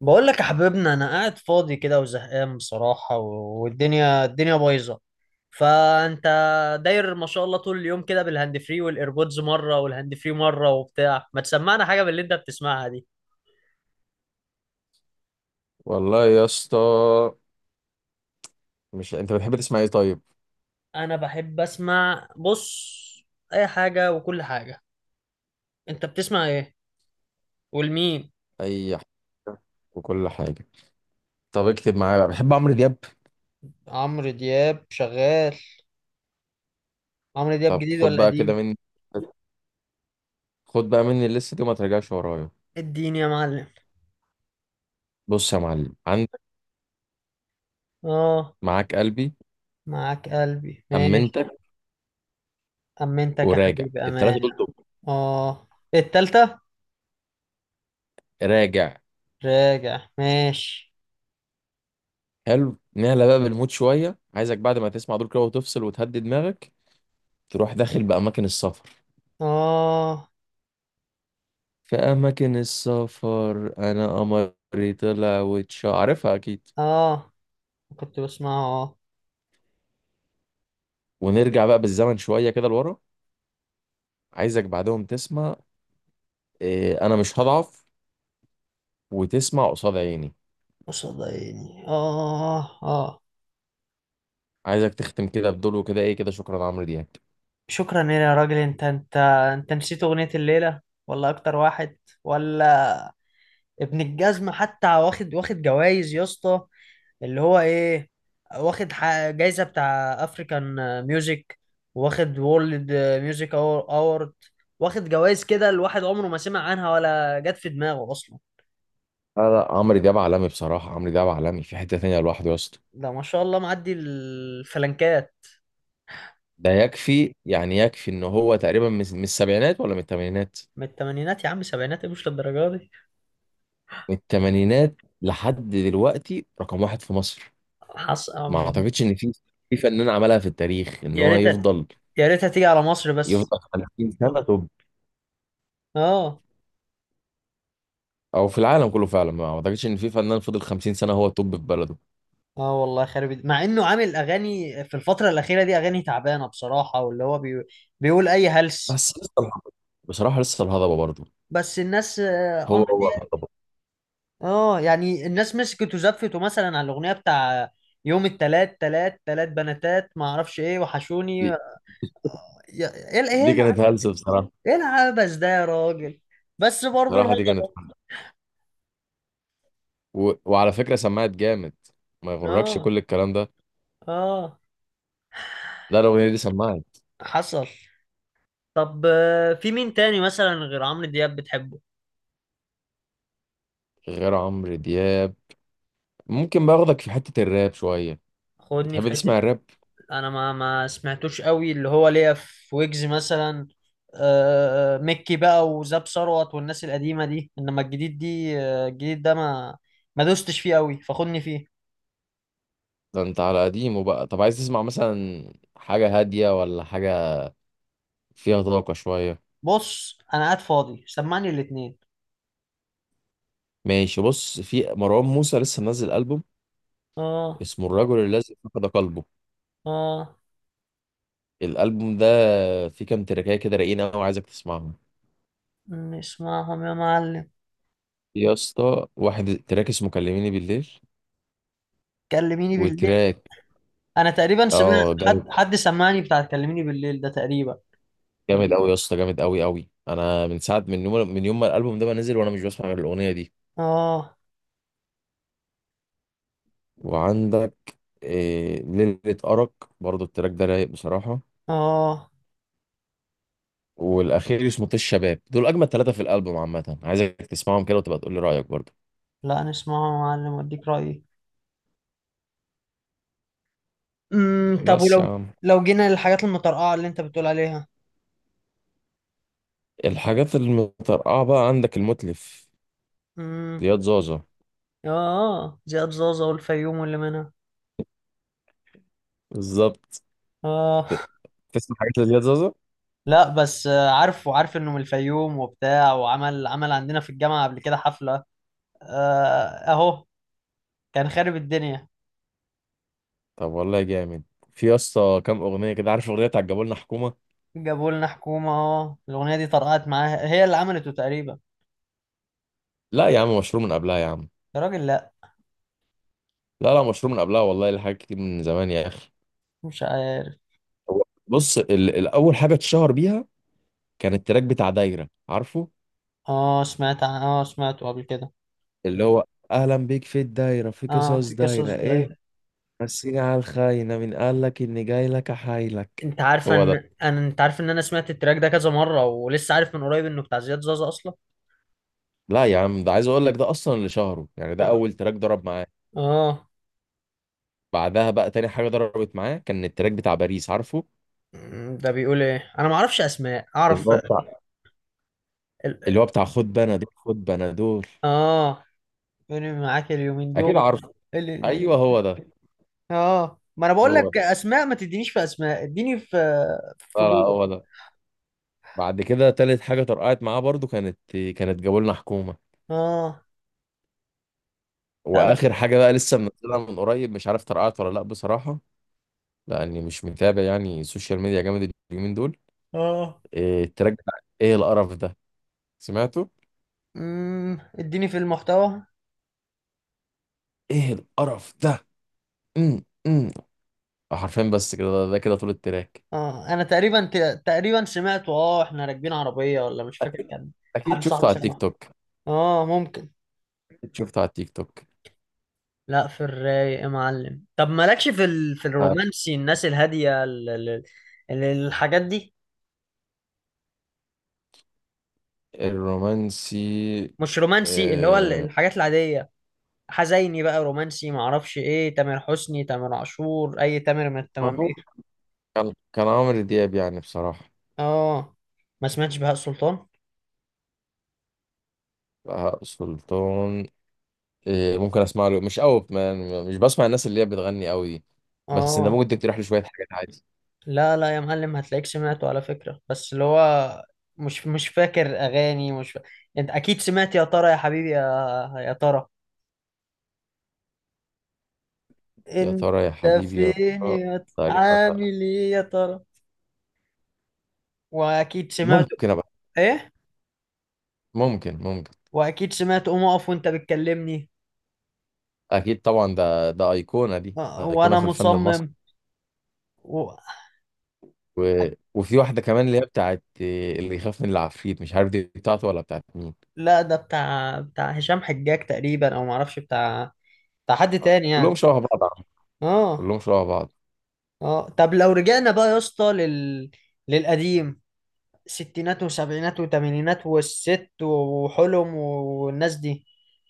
بقول لك يا حبيبنا، انا قاعد فاضي كده وزهقان بصراحة، والدنيا بايظة. فانت داير ما شاء الله طول اليوم كده بالهاند فري والايربودز مرة والهاند فري مرة وبتاع، ما تسمعنا حاجة باللي انت بتسمعها دي؟ والله يا اسطى. مش انت بتحب تسمع ايه طيب؟ انا بحب اسمع، بص، اي حاجة وكل حاجة. انت بتسمع ايه والمين؟ اي حاجه وكل حاجه. طب اكتب معايا بقى، بحب عمرو دياب. عمرو دياب شغال؟ عمرو دياب طب جديد خد ولا بقى كده قديم؟ مني، خد بقى مني الليسته دي وما ترجعش ورايا. اديني يا معلم. بص يا معلم، عندك اه. معاك قلبي، معاك قلبي ماشي. امنتك، أمنتك يا وراجع حبيبي التلاته أمان. دول توب، آه. التالتة. راجع. راجع ماشي. حلو، نعلى بقى بالمود شويه. عايزك بعد ما تسمع دول كده وتفصل وتهدي دماغك، تروح داخل باماكن السفر، آه في اماكن السفر، انا قمري طلع واتش، عارفها اكيد. آه. كنت بسمع آه. ونرجع بقى بالزمن شويه كده لورا. عايزك بعدهم تسمع إيه انا مش هضعف، وتسمع قصاد عيني. قصاد عيني، آه آه. عايزك تختم كده بدول، وكده ايه كده، شكرا عمرو دياب. شكرا يا راجل. أنت نسيت أغنية الليلة؟ ولا أكتر واحد، ولا ابن الجزمة حتى؟ واخد جوايز يا اسطى، اللي هو ايه، واخد جايزة بتاع افريكان ميوزك، واخد وورلد ميوزك اورد، واخد جوائز كده الواحد عمره ما سمع عنها ولا جت في دماغه اصلا. لا لا، عمرو دياب عالمي بصراحة، عمرو دياب عالمي في حتة تانية لوحده يا اسطى. ده ما شاء الله معدي الفلنكات. ده يكفي، يعني يكفي، ان هو تقريبا من السبعينات ولا من الثمانينات. من الثمانينات يا عم، سبعينات مش للدرجة دي. من الثمانينات لحد دلوقتي رقم واحد في مصر. حص... ما أم- اعتقدش ان في فنان عملها في التاريخ ان يا هو ريتها، يفضل يا ريتها تيجي على مصر بس. يفضل 50 سنة توب، اه. او في العالم كله فعلا. ما اعتقدش ان في فنان فضل 50 سنة هو توب في بلده. اه والله، مع انه عامل اغاني في الفترة الأخيرة دي اغاني تعبانة بصراحة، واللي هو بيقول اي هلس. بس بصراحة لسه الهضبة برضه، بس الناس هو عمرو هو دياب. الهضبة. اه يعني الناس مسكت وزفته مثلا على الاغنيه بتاع يوم التلات تلات تلات بناتات، ما اعرفش ايه، دي, وحشوني. ايه دي كانت هلسة بصراحة. ايه العبث ده يا راجل؟ بس برضه بصراحة دي كانت الهضبه. هلسة. و... وعلى فكرة سمعت جامد، ما يغركش اه كل الكلام ده. اه لا، الأغنية دي سمعت. حصل. طب في مين تاني مثلا غير عمرو دياب بتحبه؟ غير عمرو دياب، ممكن باخدك في حتة الراب شوية. خدني في بتحب حته. تسمع الراب؟ انا ما سمعتوش قوي، اللي هو ليا في ويجز مثلا. مكي بقى وزاب ثروت والناس القديمه دي، انما الجديد دي، الجديد ده ما دوستش فيه قوي، فخدني فيه. ده انت على قديمه بقى. طب عايز تسمع مثلا حاجة هادية ولا حاجة فيها طاقة شوية؟ بص انا قاعد فاضي، سمعني الاتنين. ماشي، بص، في مروان موسى لسه منزل ألبوم اه اسمه الرجل الذي فقد قلبه. اه الألبوم ده فيه كام تراكاية كده رايقين أوي، عايزك تسمعهم نسمعهم يا معلم. يا اسطى. واحد تراك اسمه كلميني بالليل، كلميني بالليل. وتراك، انا تقريبا سمعت. اه جامد. حد سمعني بتاع كلميني بالليل ده تقريبا. جامد قوي يا اسطى، جامد قوي قوي. انا من يوم ما الالبوم ده ما نزل، وانا مش بسمع غير الاغنيه دي. اه وعندك إيه ليله ارق، برضو التراك ده رايق بصراحه. اه. والاخير اسمه طش الشباب. دول اجمل ثلاثه في الالبوم عامه، عايزك تسمعهم كده وتبقى تقول لي رايك برضو. لا نسمعه يا معلم واديك رايي. امم. طب بس يا عم، لو جينا للحاجات المترقعة اللي انت بتقول عليها. الحاجات المترقعه بقى، عندك المتلف، امم. زياد زازا. اه زياد زوزة والفيوم واللي منها. بالظبط. اه. تسمع حاجات لزياد زازا؟ لا بس عارف، وعارف انه من الفيوم وبتاع، وعمل عندنا في الجامعة قبل كده حفلة. آه اهو كان خارب الدنيا. طب والله جامد. في يا اسطى كام اغنيه كده، عارف اغنيه بتاعت جابوا لنا حكومه؟ جابوا لنا حكومة، اه الأغنية دي طرقعت معاها، هي اللي عملته تقريبا. لا يا عم، مشروع من قبلها يا عم. يا راجل، لا. لا لا، مشروع من قبلها والله، لحاجات كتير من زمان يا اخي. مش عارف. هو بص، الاول حاجه اتشهر بيها كان التراك بتاع دايره، عارفه؟ اه سمعت اه سمعته قبل كده. اللي هو اهلا بيك في الدايره، في اه قصص في قصص دايره ايه، ده. مسيني على الخاينه، من قال لك اني جاي لك احايلك. انت عارفه هو ده. ان، انا، انت عارف ان انا سمعت التراك ده كذا مره، ولسه عارف من قريب انه بتاع زياد زازا اصلا. لا يا عم، ده عايز اقول لك ده اصلا اللي شهره، يعني ده اه اول تراك ضرب معاه. اه. بعدها بقى تاني حاجه ضربت معاه كان التراك بتاع باريس، ده بيقول ايه؟ انا ما اعرفش اسماء، اعرف عارفه؟ ال... اللي هو بتاع خد بنادول، خد بنادول. اه. مين معاك اليومين اكيد دول. عارفه. ال... ايوه ال... هو ده، اه ما انا بقول هو لك ده. اسماء ما تدينيش في اسماء، اديني في، في لا لا، جوه. هو ده. بعد كده تالت حاجه طرقعت معاه برضو كانت جابوا لنا حكومه. اه واخر حاجه بقى، لسه منزلها من قريب، مش عارف طرقعت ولا لا بصراحه، لاني مش متابع يعني السوشيال ميديا جامد اليومين دول. اه. إيه التراك بتاع ايه القرف ده، سمعته؟ اديني في المحتوى. ايه القرف ده. امم امم حرفيا بس كده، ده كده طول التراك. اه انا تقريبا تقريبا سمعته، اه احنا راكبين عربيه ولا، مش فاكر. اكيد كان حد اكيد شفته صاحبي على التيك سمعه. توك. اه ممكن. اكيد شفته على التيك توك لا في الرايق يا معلم، طب مالكش في ال... في الرومانسي، الناس الهادية ال... ال... الحاجات دي، الرومانسي مش رومانسي، اللي هو آه، الحاجات العادية، حزيني بقى، رومانسي، معرفش ايه، تامر حسني، تامر عاشور، اي تامر من ما هو التمامير. كان عمرو دياب يعني بصراحة. اه ما سمعتش بهاء سلطان. بهاء سلطان، ممكن اسمع له مش قوي، مش بسمع الناس اللي هي بتغني قوي دي. بس انت اه ممكن تقترح لي شوية حاجات عادي. لا لا يا معلم، هتلاقيك سمعته على فكرة، بس اللي هو مش فاكر اغاني، مش فا... انت اكيد سمعت، يا ترى يا حبيبي يا، يا ترى، يا ترى يا انت حبيبي يا فين ترى، تقريبا ده. عامل ايه يا ترى. واكيد سمعت ممكن ابقى، ايه. ممكن. واكيد سمعت قوم اقف وانت بتكلمني. اكيد طبعا، ده ايقونة، دي ايقونة وانا في الفن المصري. مصمم. و... و... وفي واحدة كمان اللي هي بتاعت اللي يخاف من العفريت، مش عارف دي بتاعته ولا بتاعت مين. لا ده بتاع هشام حجاج تقريبا، او معرفش بتاع حد تاني كلهم يعني. شبه بعض اه كلهم شبه بعض. اه. طب لو رجعنا بقى يا اسطى لل... للقديم، ستينات وسبعينات وثمانينات والست وحلم والناس دي،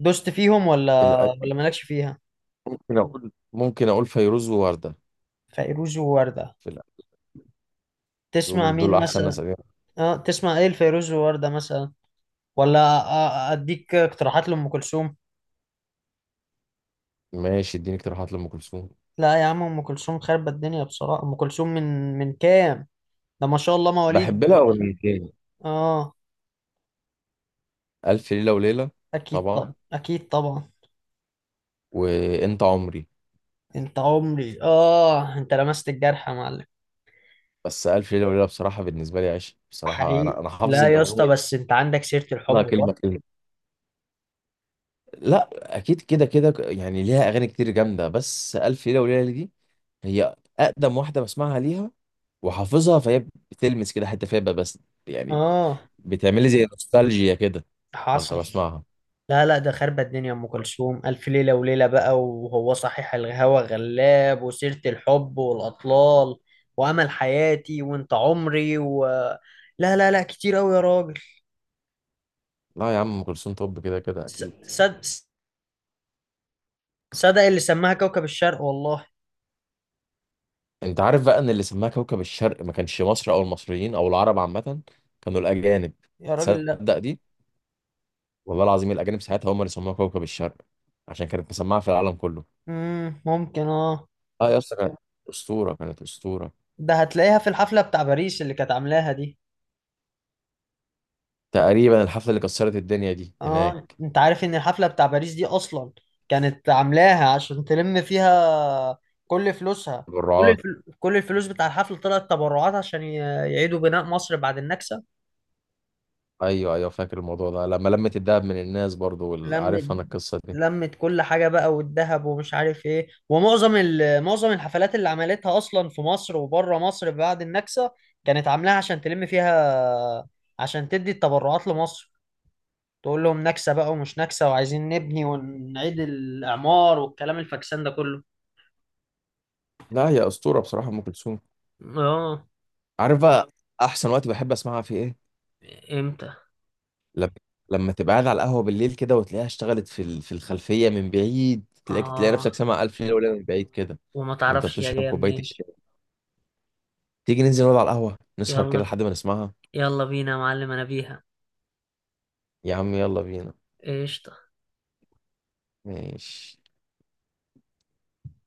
دوست فيهم ولا مالكش فيها؟ ممكن اقول فيروز ووردة. فيروز ووردة. في الأ- دول تسمع دول مين احسن ناس مثلا؟ قديمة. اه تسمع ايه الفيروز ووردة مثلا، ولا أ- اديك اقتراحات لأم كلثوم؟ ماشي اديني اقتراحات لأم كلثوم. لا يا عم، أم كلثوم خربت الدنيا بصراحة. أم كلثوم من كام ده ما شاء الله بحب مواليد. لها اغنيتين: اه. ألف ليلة وليلة، اكيد طبعا، طبعا، اكيد طبعا. وأنت عمري. انت عمري. اه انت لمست الجرح يا معلم. بس ألف ليلة وليلة بصراحة بالنسبة لي عشق بصراحة. حقيقي، أنا حافظ لا يا اسطى، الأغنية بس انت عندك سيرة كلها الحب كلمة برضه. كلمة. لا، أكيد كده كده، يعني ليها أغاني كتير جامدة، بس ألف ليلة وليلة دي هي أقدم واحدة بسمعها ليها وحافظها، فهي بتلمس كده حتة فيها بس يعني، اه بتعملي زي نوستالجيا كده وأنا حصل. بسمعها. لا لا ده خربت الدنيا ام كلثوم، الف ليله وليله بقى، وهو صحيح الهوى غلاب، وسيره الحب، والاطلال، وامل حياتي، وانت عمري، و... لا لا لا، كتير قوي يا راجل. لا يا عم، ام كلثوم طب كده كده ص- اكيد. صد صدق اللي سماها كوكب الشرق والله. انت عارف بقى ان اللي سماها كوكب الشرق ما كانش مصر او المصريين او العرب عامه، كانوا الاجانب؟ يا راجل، لا. تصدق دي؟ والله العظيم، الاجانب ساعتها هم اللي سموها كوكب الشرق عشان كانت مسمعه في العالم كله. ممكن. اه. اه يا اسطى، كانت اسطوره، كانت اسطوره. ده هتلاقيها في الحفله بتاع باريس اللي كانت عاملاها دي. تقريبا الحفله اللي كسرت الدنيا دي اه هناك. انت عارف ان الحفلة بتاع باريس دي اصلا، كانت عاملاها عشان تلم فيها كل فلوسها، كل بالرعاة. الفل... كل الفلوس بتاع الحفلة طلعت تبرعات عشان يعيدوا بناء مصر بعد النكسة. ايوه ايوه، فاكر الموضوع ده لما لمت الدهب من الناس برضو، لمت عارف انا القصه دي. لمت كل حاجة بقى، والذهب، ومش عارف ايه، ومعظم ال... معظم الحفلات اللي عملتها اصلا في مصر وبره مصر بعد النكسة، كانت عاملاها عشان تلم فيها، عشان تدي التبرعات لمصر. تقول لهم نكسة بقى ومش نكسة، وعايزين نبني ونعيد الإعمار والكلام الفاكسان ده كله. لا يا اسطوره بصراحه، ام كلثوم. اه. عارف بقى احسن وقت بحب اسمعها في ايه؟ امتى. لما لما تبقى قاعد على القهوة بالليل كده وتلاقيها اشتغلت في الخلفية من بعيد، تلاقي نفسك اه. سامع ألف ليلة وليلة من بعيد كده، وما وأنت تعرفش يا بتشرب جايه كوباية منين. الشاي. تيجي ننزل نقعد على القهوة نسهر كده يلا، لحد ما نسمعها؟ يلا بينا يا معلم انا بيها. يا عم يلا بينا. ايش. ماشي.